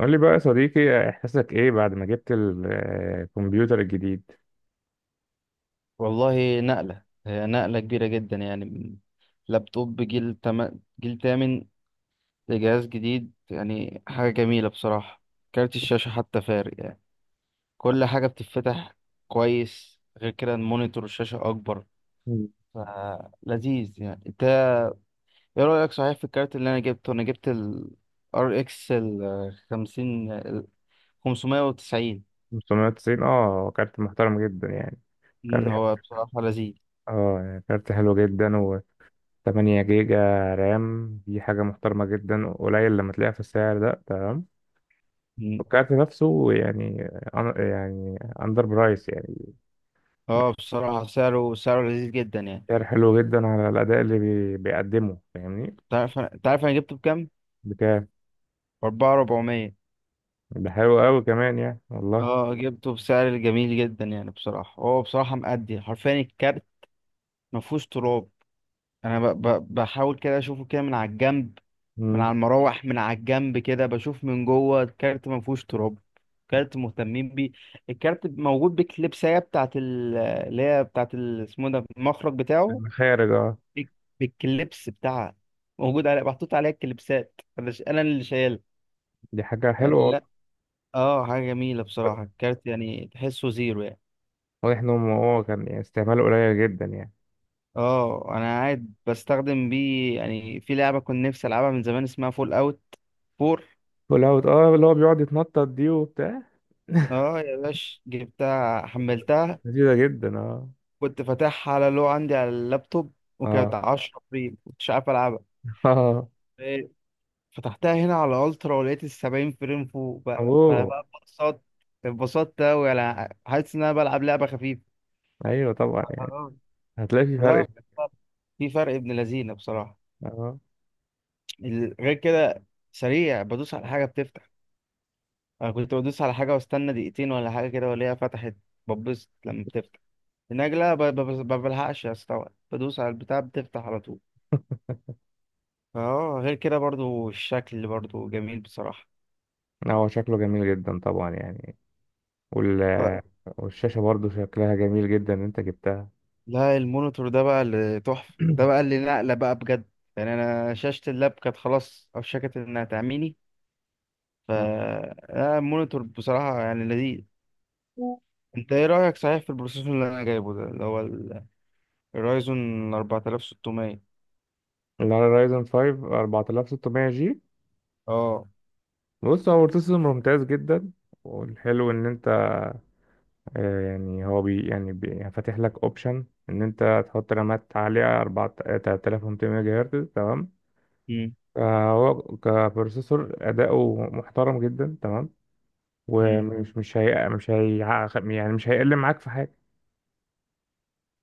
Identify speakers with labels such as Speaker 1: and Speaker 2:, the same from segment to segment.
Speaker 1: قول لي بقى يا صديقي، احساسك ايه بعد ما جبت الكمبيوتر الجديد؟
Speaker 2: والله نقلة هي نقلة كبيرة جدا، يعني من لابتوب جيل تامن لجهاز جديد، يعني حاجة جميلة بصراحة. كارت الشاشة حتى فارق يعني، كل حاجة بتتفتح كويس. غير كده المونيتور الشاشة أكبر،
Speaker 1: مم.
Speaker 2: فلذيذ يعني. انت ايه رأيك صحيح في الكارت اللي انا جبت ال RX ال 50 ال 590؟
Speaker 1: 590، كارت محترم جدا، يعني كارت
Speaker 2: مم، هو
Speaker 1: حلو.
Speaker 2: بصراحة لذيذ.
Speaker 1: اه يعني كارت حلو جدا، و 8 جيجا رام، دي حاجة محترمة جدا، قليل لما تلاقيها في السعر ده، تمام.
Speaker 2: مم.
Speaker 1: والكارت نفسه يعني، يعني اندر برايس، يعني
Speaker 2: اه بصراحة سعره لذيذ جدا يعني.
Speaker 1: سعر حلو جدا على الأداء اللي بيقدمه، فاهمني؟
Speaker 2: تعرف انا جبته بكام؟
Speaker 1: بكام؟
Speaker 2: 400.
Speaker 1: ده حلو قوي كمان، يعني والله.
Speaker 2: اه جبته بسعر جميل جدا يعني، بصراحة. هو بصراحة مأدي حرفيا، الكارت مفهوش تراب. أنا بحاول كده أشوفه كده من على الجنب، من
Speaker 1: مم.
Speaker 2: على المراوح، من على الجنب كده، بشوف من جوه الكارت مفهوش تراب. كارت مهتمين بيه. الكارت موجود بالكليبسية بتاعت ال... اللي هي بتاعت ال... اسمه ده المخرج بتاعه،
Speaker 1: المخارج، اه.
Speaker 2: بال- بالكليبس بتاعها، موجود على محطوط عليها الكليبسات. أنا اللي شايلها،
Speaker 1: دي حاجة
Speaker 2: يعني.
Speaker 1: حلوة.
Speaker 2: لا، اه حاجة جميلة بصراحة الكارت، يعني تحسه زيرو يعني.
Speaker 1: واضح ان هو كان يعني استعماله قليل جدا يعني.
Speaker 2: اه، انا قاعد بستخدم بيه يعني في لعبه كنت نفسي العبها من زمان، اسمها فول اوت 4.
Speaker 1: فول اوت، اه، اللي هو بيقعد يتنطط دي وبتاع.
Speaker 2: اه يا باش، جبتها حملتها.
Speaker 1: لذيذة جدا، اه.
Speaker 2: كنت فاتحها على، لو عندي على اللابتوب، وكانت
Speaker 1: اه
Speaker 2: 10 فريم مش عارف العبها.
Speaker 1: اه.
Speaker 2: إيه، فتحتها هنا على الترا، ولقيت ال 70 فريم فوق، بقى فانا
Speaker 1: اوه.
Speaker 2: بقى اتبسطت. اتبسطت اوي، انا حاسس ان انا بلعب لعبه خفيفه.
Speaker 1: ايوه طبعا، يعني
Speaker 2: آه.
Speaker 1: هتلاقي في
Speaker 2: لا،
Speaker 1: فرق.
Speaker 2: في فرق ابن لذينه بصراحه.
Speaker 1: اه.
Speaker 2: غير كده سريع، بدوس على حاجه بتفتح. انا كنت بدوس على حاجه واستنى دقيقتين ولا حاجه كده، والاقيها فتحت، ببص لما بتفتح النجله. ما بلحقش استوعب، بدوس على البتاع بتفتح على طول. اه غير كده برضو الشكل برضو جميل بصراحه.
Speaker 1: آه، هو شكله جميل جدا طبعا يعني. وال
Speaker 2: ف...
Speaker 1: والشاشة برضو شكلها جميل جدا ان انت جبتها.
Speaker 2: لا، المونيتور ده بقى اللي تحفه، ده بقى اللي نقله بقى بجد. يعني انا شاشه اللاب كانت خلاص اوشكت انها تعميني. ف
Speaker 1: آه.
Speaker 2: لا، المونيتور بصراحه يعني لذيذ. انت ايه رايك صحيح في البروسيسور اللي انا جايبه ده، اللي هو الرايزون 4600؟
Speaker 1: اللي على رايزن 5 4600 جي.
Speaker 2: اه.
Speaker 1: بص، هو بروسيسور ممتاز جدا، والحلو ان، يعني هو فاتح لك اوبشن ان انت تحط رامات عاليه 4، 3200 ميجا هرتز، تمام.
Speaker 2: مم.
Speaker 1: فهو كبروسيسور اداؤه محترم جدا، تمام. ومش مش هي مش هي يعني مش هيقل معاك في حاجه.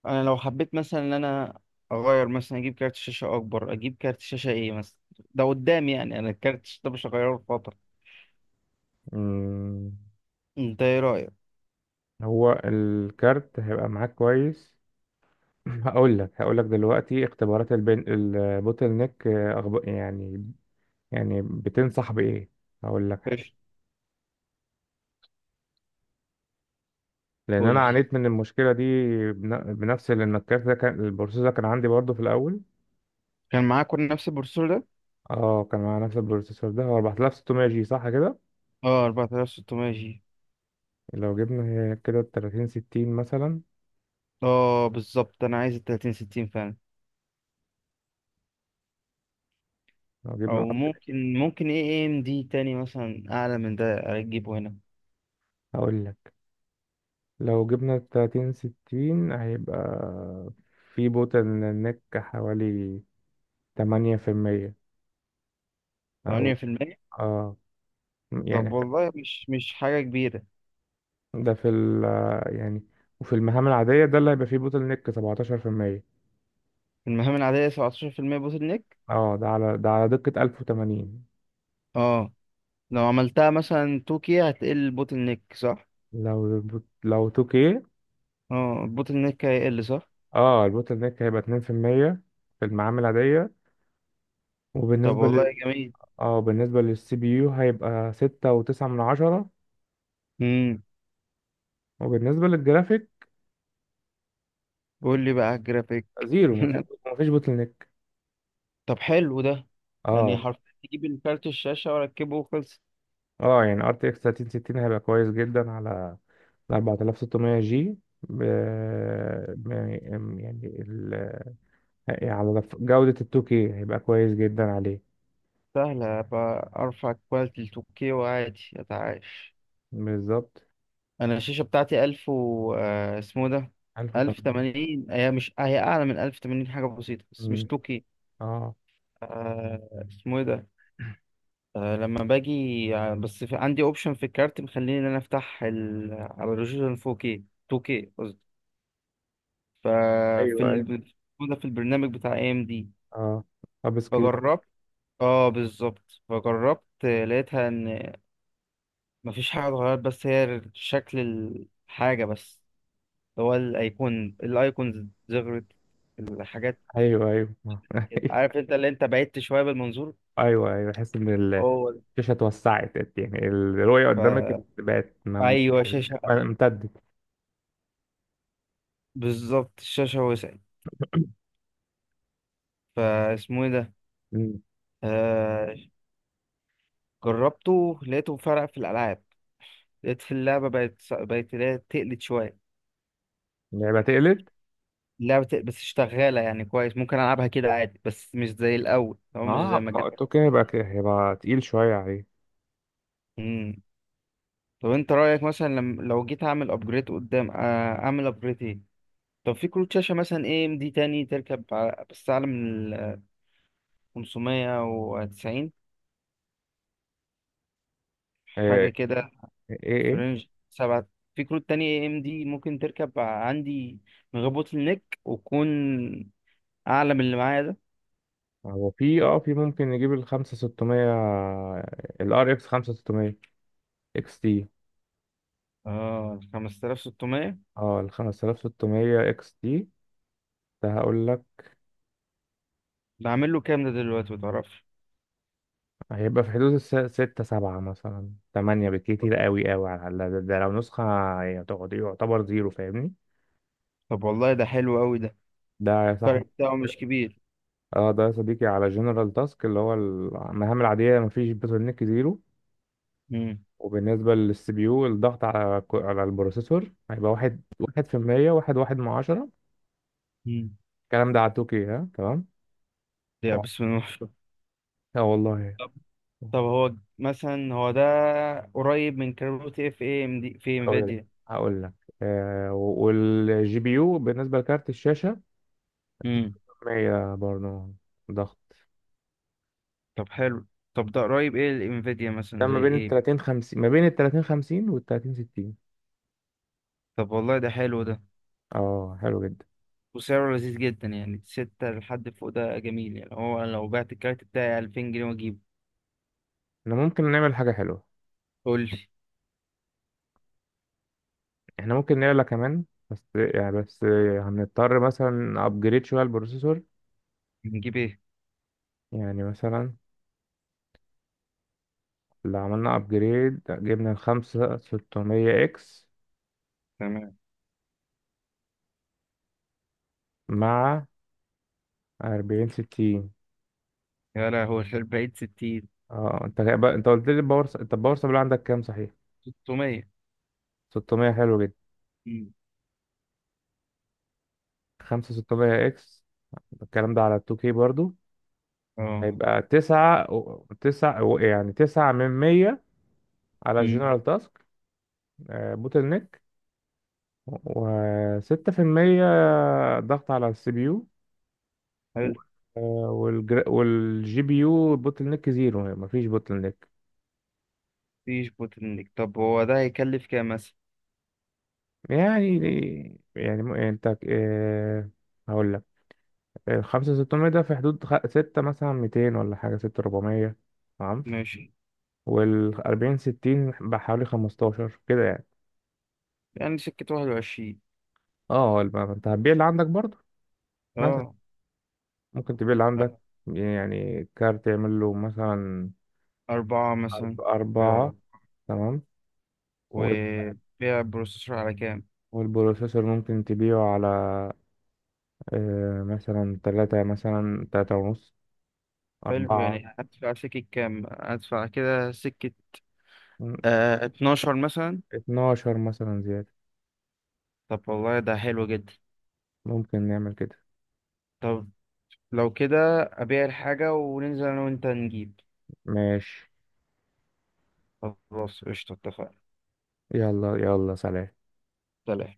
Speaker 2: انا لو حبيت مثلا ان انا اغير، مثلا اجيب كارت شاشه اكبر، اجيب كارت شاشه ايه مثلا ده قدام، يعني انا الكارت الشاشه ده مش هغيره في فتره.
Speaker 1: مم،
Speaker 2: انت ايه رايك؟
Speaker 1: هو الكارت هيبقى معاك كويس. هقول لك دلوقتي اختبارات البوتل نيك، يعني، بتنصح بايه؟ هقول لك.
Speaker 2: ماشي.
Speaker 1: لان
Speaker 2: قول
Speaker 1: انا
Speaker 2: لي.
Speaker 1: عانيت من المشكله دي. بنفس، لان الكارت ده كان البروسيسور ده كان عندي برضه في الاول.
Speaker 2: كان معاك كل نفس البروسيسور ده؟
Speaker 1: اه، كان مع نفس البروسيسور ده، هو 4600 جي، صح كده؟
Speaker 2: اه، 4600 جي.
Speaker 1: لو جبنا كده 30 60 مثلا.
Speaker 2: اه بالظبط، انا عايز ال 3060 فعلا.
Speaker 1: لو جبنا
Speaker 2: او ممكن ايه ام دي تاني مثلا اعلى من ده، اجيبه هنا.
Speaker 1: اقول لك، لو جبنا 30 60 هيبقى في بوتل نيك حوالي 8%. او
Speaker 2: 8%؟
Speaker 1: اه
Speaker 2: طب
Speaker 1: يعني
Speaker 2: والله مش حاجه كبيره.
Speaker 1: ده في ال يعني وفي المهام العادية ده اللي هيبقى فيه بوتل نيك 17%.
Speaker 2: المهام العاديه 17% بوتل نيك؟
Speaker 1: اه، ده على دقة 1080.
Speaker 2: اه، لو عملتها مثلا 2K هتقل البوتل نيك صح؟
Speaker 1: لو 2K،
Speaker 2: اه، البوتل نيك هيقل صح.
Speaker 1: اه البوتل نيك هيبقى 2% في المية، في المعامل العادية.
Speaker 2: طب
Speaker 1: وبالنسبة اه
Speaker 2: والله
Speaker 1: لل
Speaker 2: جميل.
Speaker 1: اه بالنسبة للسي بي يو هيبقى ستة وتسعة من عشرة.
Speaker 2: امم.
Speaker 1: وبالنسبة للجرافيك
Speaker 2: قول لي بقى على الجرافيك.
Speaker 1: زيرو، مفيش مفيش بوتل نيك.
Speaker 2: طب حلو ده، يعني
Speaker 1: اه،
Speaker 2: حرفيا تجيب الكارت الشاشة واركبه وخلص.
Speaker 1: اه. يعني ار تي اكس 3060 هيبقى كويس جدا على 4600 جي. ب... ب- يعني ال... يعني على لف- جودة ال 2K هيبقى كويس جدا عليه،
Speaker 2: سهلة بقى، ارفع كواليتي ل 2K وعادي اتعايش.
Speaker 1: بالظبط.
Speaker 2: انا الشاشة بتاعتي 1000 و اسمه ده،
Speaker 1: 1080.
Speaker 2: 1080. هي مش، هي اعلى من 1080 حاجة بسيطة بس مش
Speaker 1: مم.
Speaker 2: 2K.
Speaker 1: اه،
Speaker 2: اسمه ايه ده؟ لما باجي، بس في... عندي اوبشن في الكارت مخليني ان انا افتح ال... على ريزولوشن 4K 2K. ففي
Speaker 1: ايوه، أيوة.
Speaker 2: ال... موجودة في البرنامج بتاع اي ام دي.
Speaker 1: اه. اب
Speaker 2: فجربت. اه بالظبط، فجربت، لقيتها ان مفيش حاجة اتغيرت، بس هي شكل الحاجة بس. هو الايكونز زغرت، الحاجات
Speaker 1: ايوه، ايوه،
Speaker 2: كده عارف، انت اللي انت بعدت شوية بالمنظور.
Speaker 1: ايوه، ايوه، بحس ان
Speaker 2: هو ده.
Speaker 1: الشاشه اتوسعت، يعني الرؤيه
Speaker 2: ف
Speaker 1: قدامك بقت م-
Speaker 2: ايوه، شاشة
Speaker 1: امتدت.
Speaker 2: بالظبط الشاشة وسعت. فاسمه ايه ده؟
Speaker 1: مم.
Speaker 2: آه... جربته لقيته فرق في الالعاب. لقيت في اللعبة بقت اللي هي تقلت شوية.
Speaker 1: يبقى تقلد.
Speaker 2: لعبة بس شغالة يعني كويس، ممكن ألعبها كده عادي بس مش زي الأول أو مش زي
Speaker 1: اه،
Speaker 2: ما
Speaker 1: ما
Speaker 2: كانت.
Speaker 1: قلت اوكي، يبقى هيبقى تقيل شويه عليه.
Speaker 2: مم. طب أنت رأيك مثلا، لم... لو جيت أعمل أبجريد قدام، أعمل أبجريد إيه؟ طب في كروت شاشة مثلا إيه إم دي تاني تركب، بس أعلى من ال 590
Speaker 1: آه،
Speaker 2: حاجة كده،
Speaker 1: ايه
Speaker 2: في
Speaker 1: ايه
Speaker 2: رينج سبعة. في كروت تانية إيه إم دي ممكن تركب عندي من غير بوتل نيك وتكون أعلى من اللي معايا ده؟
Speaker 1: هو في ممكن نجيب ال 5600، ال ار اكس 5600 اكس تي.
Speaker 2: 5600.
Speaker 1: اه ال 5600 اكس تي ده، هقول لك.
Speaker 2: بعمل له كام ده دلوقتي، متعرفش؟
Speaker 1: هيبقى في حدود ستة، سبعة مثلا، تمانية بالكتير، قوي قوي على الأقل. ده لو نسخة، يعتبر زيرو، فاهمني.
Speaker 2: طب والله ده حلو أوي ده،
Speaker 1: ده صح.
Speaker 2: الفرق بتاعه مش كبير.
Speaker 1: اه، ده يا صديقي على جنرال تاسك اللي هو المهام العادية، مفيش بترنيك، زيرو.
Speaker 2: امم.
Speaker 1: وبالنسبة للسي بي يو الضغط على على البروسيسور هيبقى واحد واحد في المية، واحد واحد من عشرة.
Speaker 2: مم.
Speaker 1: الكلام ده على التوكي ها، تمام.
Speaker 2: يا
Speaker 1: و-
Speaker 2: بسم الله ما شاء الله.
Speaker 1: اه والله.
Speaker 2: طب طب هو مثلا هو ده قريب من كروت اف اي ام دي في
Speaker 1: هقول لك
Speaker 2: انفيديا؟
Speaker 1: هقول لك والجي بي يو بالنسبة لكارت الشاشة
Speaker 2: امم.
Speaker 1: مية برضه، ضغط.
Speaker 2: طب حلو. طب ده قريب ايه الانفيديا مثلا
Speaker 1: ده ما
Speaker 2: زي
Speaker 1: بين ال
Speaker 2: ايه؟
Speaker 1: 30 50 ما بين ال 30 50 وال 30 60.
Speaker 2: طب والله ده حلو ده،
Speaker 1: اه، حلو جدا.
Speaker 2: وسعره لذيذ جدا يعني. ستة لحد فوق ده جميل يعني، هو لو بعت الكارت بتاعي 2000 جنيه واجيبه.
Speaker 1: احنا ممكن نعمل حاجة حلوة.
Speaker 2: قول لي.
Speaker 1: احنا ممكن نعلى كمان، بس هنضطر مثلا ابجريد شوية البروسيسور.
Speaker 2: نجيب ايه؟
Speaker 1: يعني مثلا، لو عملنا ابجريد جبنا الخمسة 600 اكس
Speaker 2: تمام.
Speaker 1: مع 40 60.
Speaker 2: يا لهوي البعيد 60؟
Speaker 1: اه، انت قلت لي انت الباور سبلاي عندك كام، صحيح؟
Speaker 2: 600.
Speaker 1: 600. حلو جدا.
Speaker 2: مم.
Speaker 1: 5 600 اكس، الكلام ده على 2K برضو،
Speaker 2: اه.
Speaker 1: هيبقى تسعة و- تسعة و- يعني تسعة من مية على
Speaker 2: امم.
Speaker 1: الجنرال تاسك، بوتل نيك، وستة في المية ضغط على السي بي يو.
Speaker 2: حلو.
Speaker 1: والجي بي يو بوتل نيك زيرو، يعني مفيش بوتل نيك.
Speaker 2: مفيش بوتل نيك. طب هو ده هيكلف كام مثلا؟
Speaker 1: يعني يعني انت، هقول لك. الخمسة ستمية ده في حدود ستة مثلا، ميتين ولا حاجة، ستة ربعمية، تمام.
Speaker 2: ماشي.
Speaker 1: والأربعين ستين بحوالي خمستاشر كده يعني.
Speaker 2: يعني سكة 21؟
Speaker 1: اه، انت هتبيع اللي عندك برضه، مثلا.
Speaker 2: اه.
Speaker 1: ممكن تبيع اللي عندك، يعني كارت يعمل له مثلا
Speaker 2: أربعة مثلا. بيع.
Speaker 1: أربعة. تمام. وال-
Speaker 2: وبيع بروسيسور على كام؟
Speaker 1: والبروسيسور ممكن تبيعه على مثلا تلاتة، مثلا تلاتة ونص،
Speaker 2: حلو،
Speaker 1: أربعة.
Speaker 2: يعني هدفع سكة كام؟ هدفع كده سكة
Speaker 1: م-
Speaker 2: 12 مثلا.
Speaker 1: اتناشر مثلا زيادة.
Speaker 2: طب والله ده حلو جدا.
Speaker 1: ممكن نعمل كده.
Speaker 2: طب، لو كده أبيع الحاجة وننزل أنا وأنت نجيب.
Speaker 1: ماشي.
Speaker 2: خلاص قشطة، اتفقنا.
Speaker 1: يلا يلا، سلام.
Speaker 2: سلام.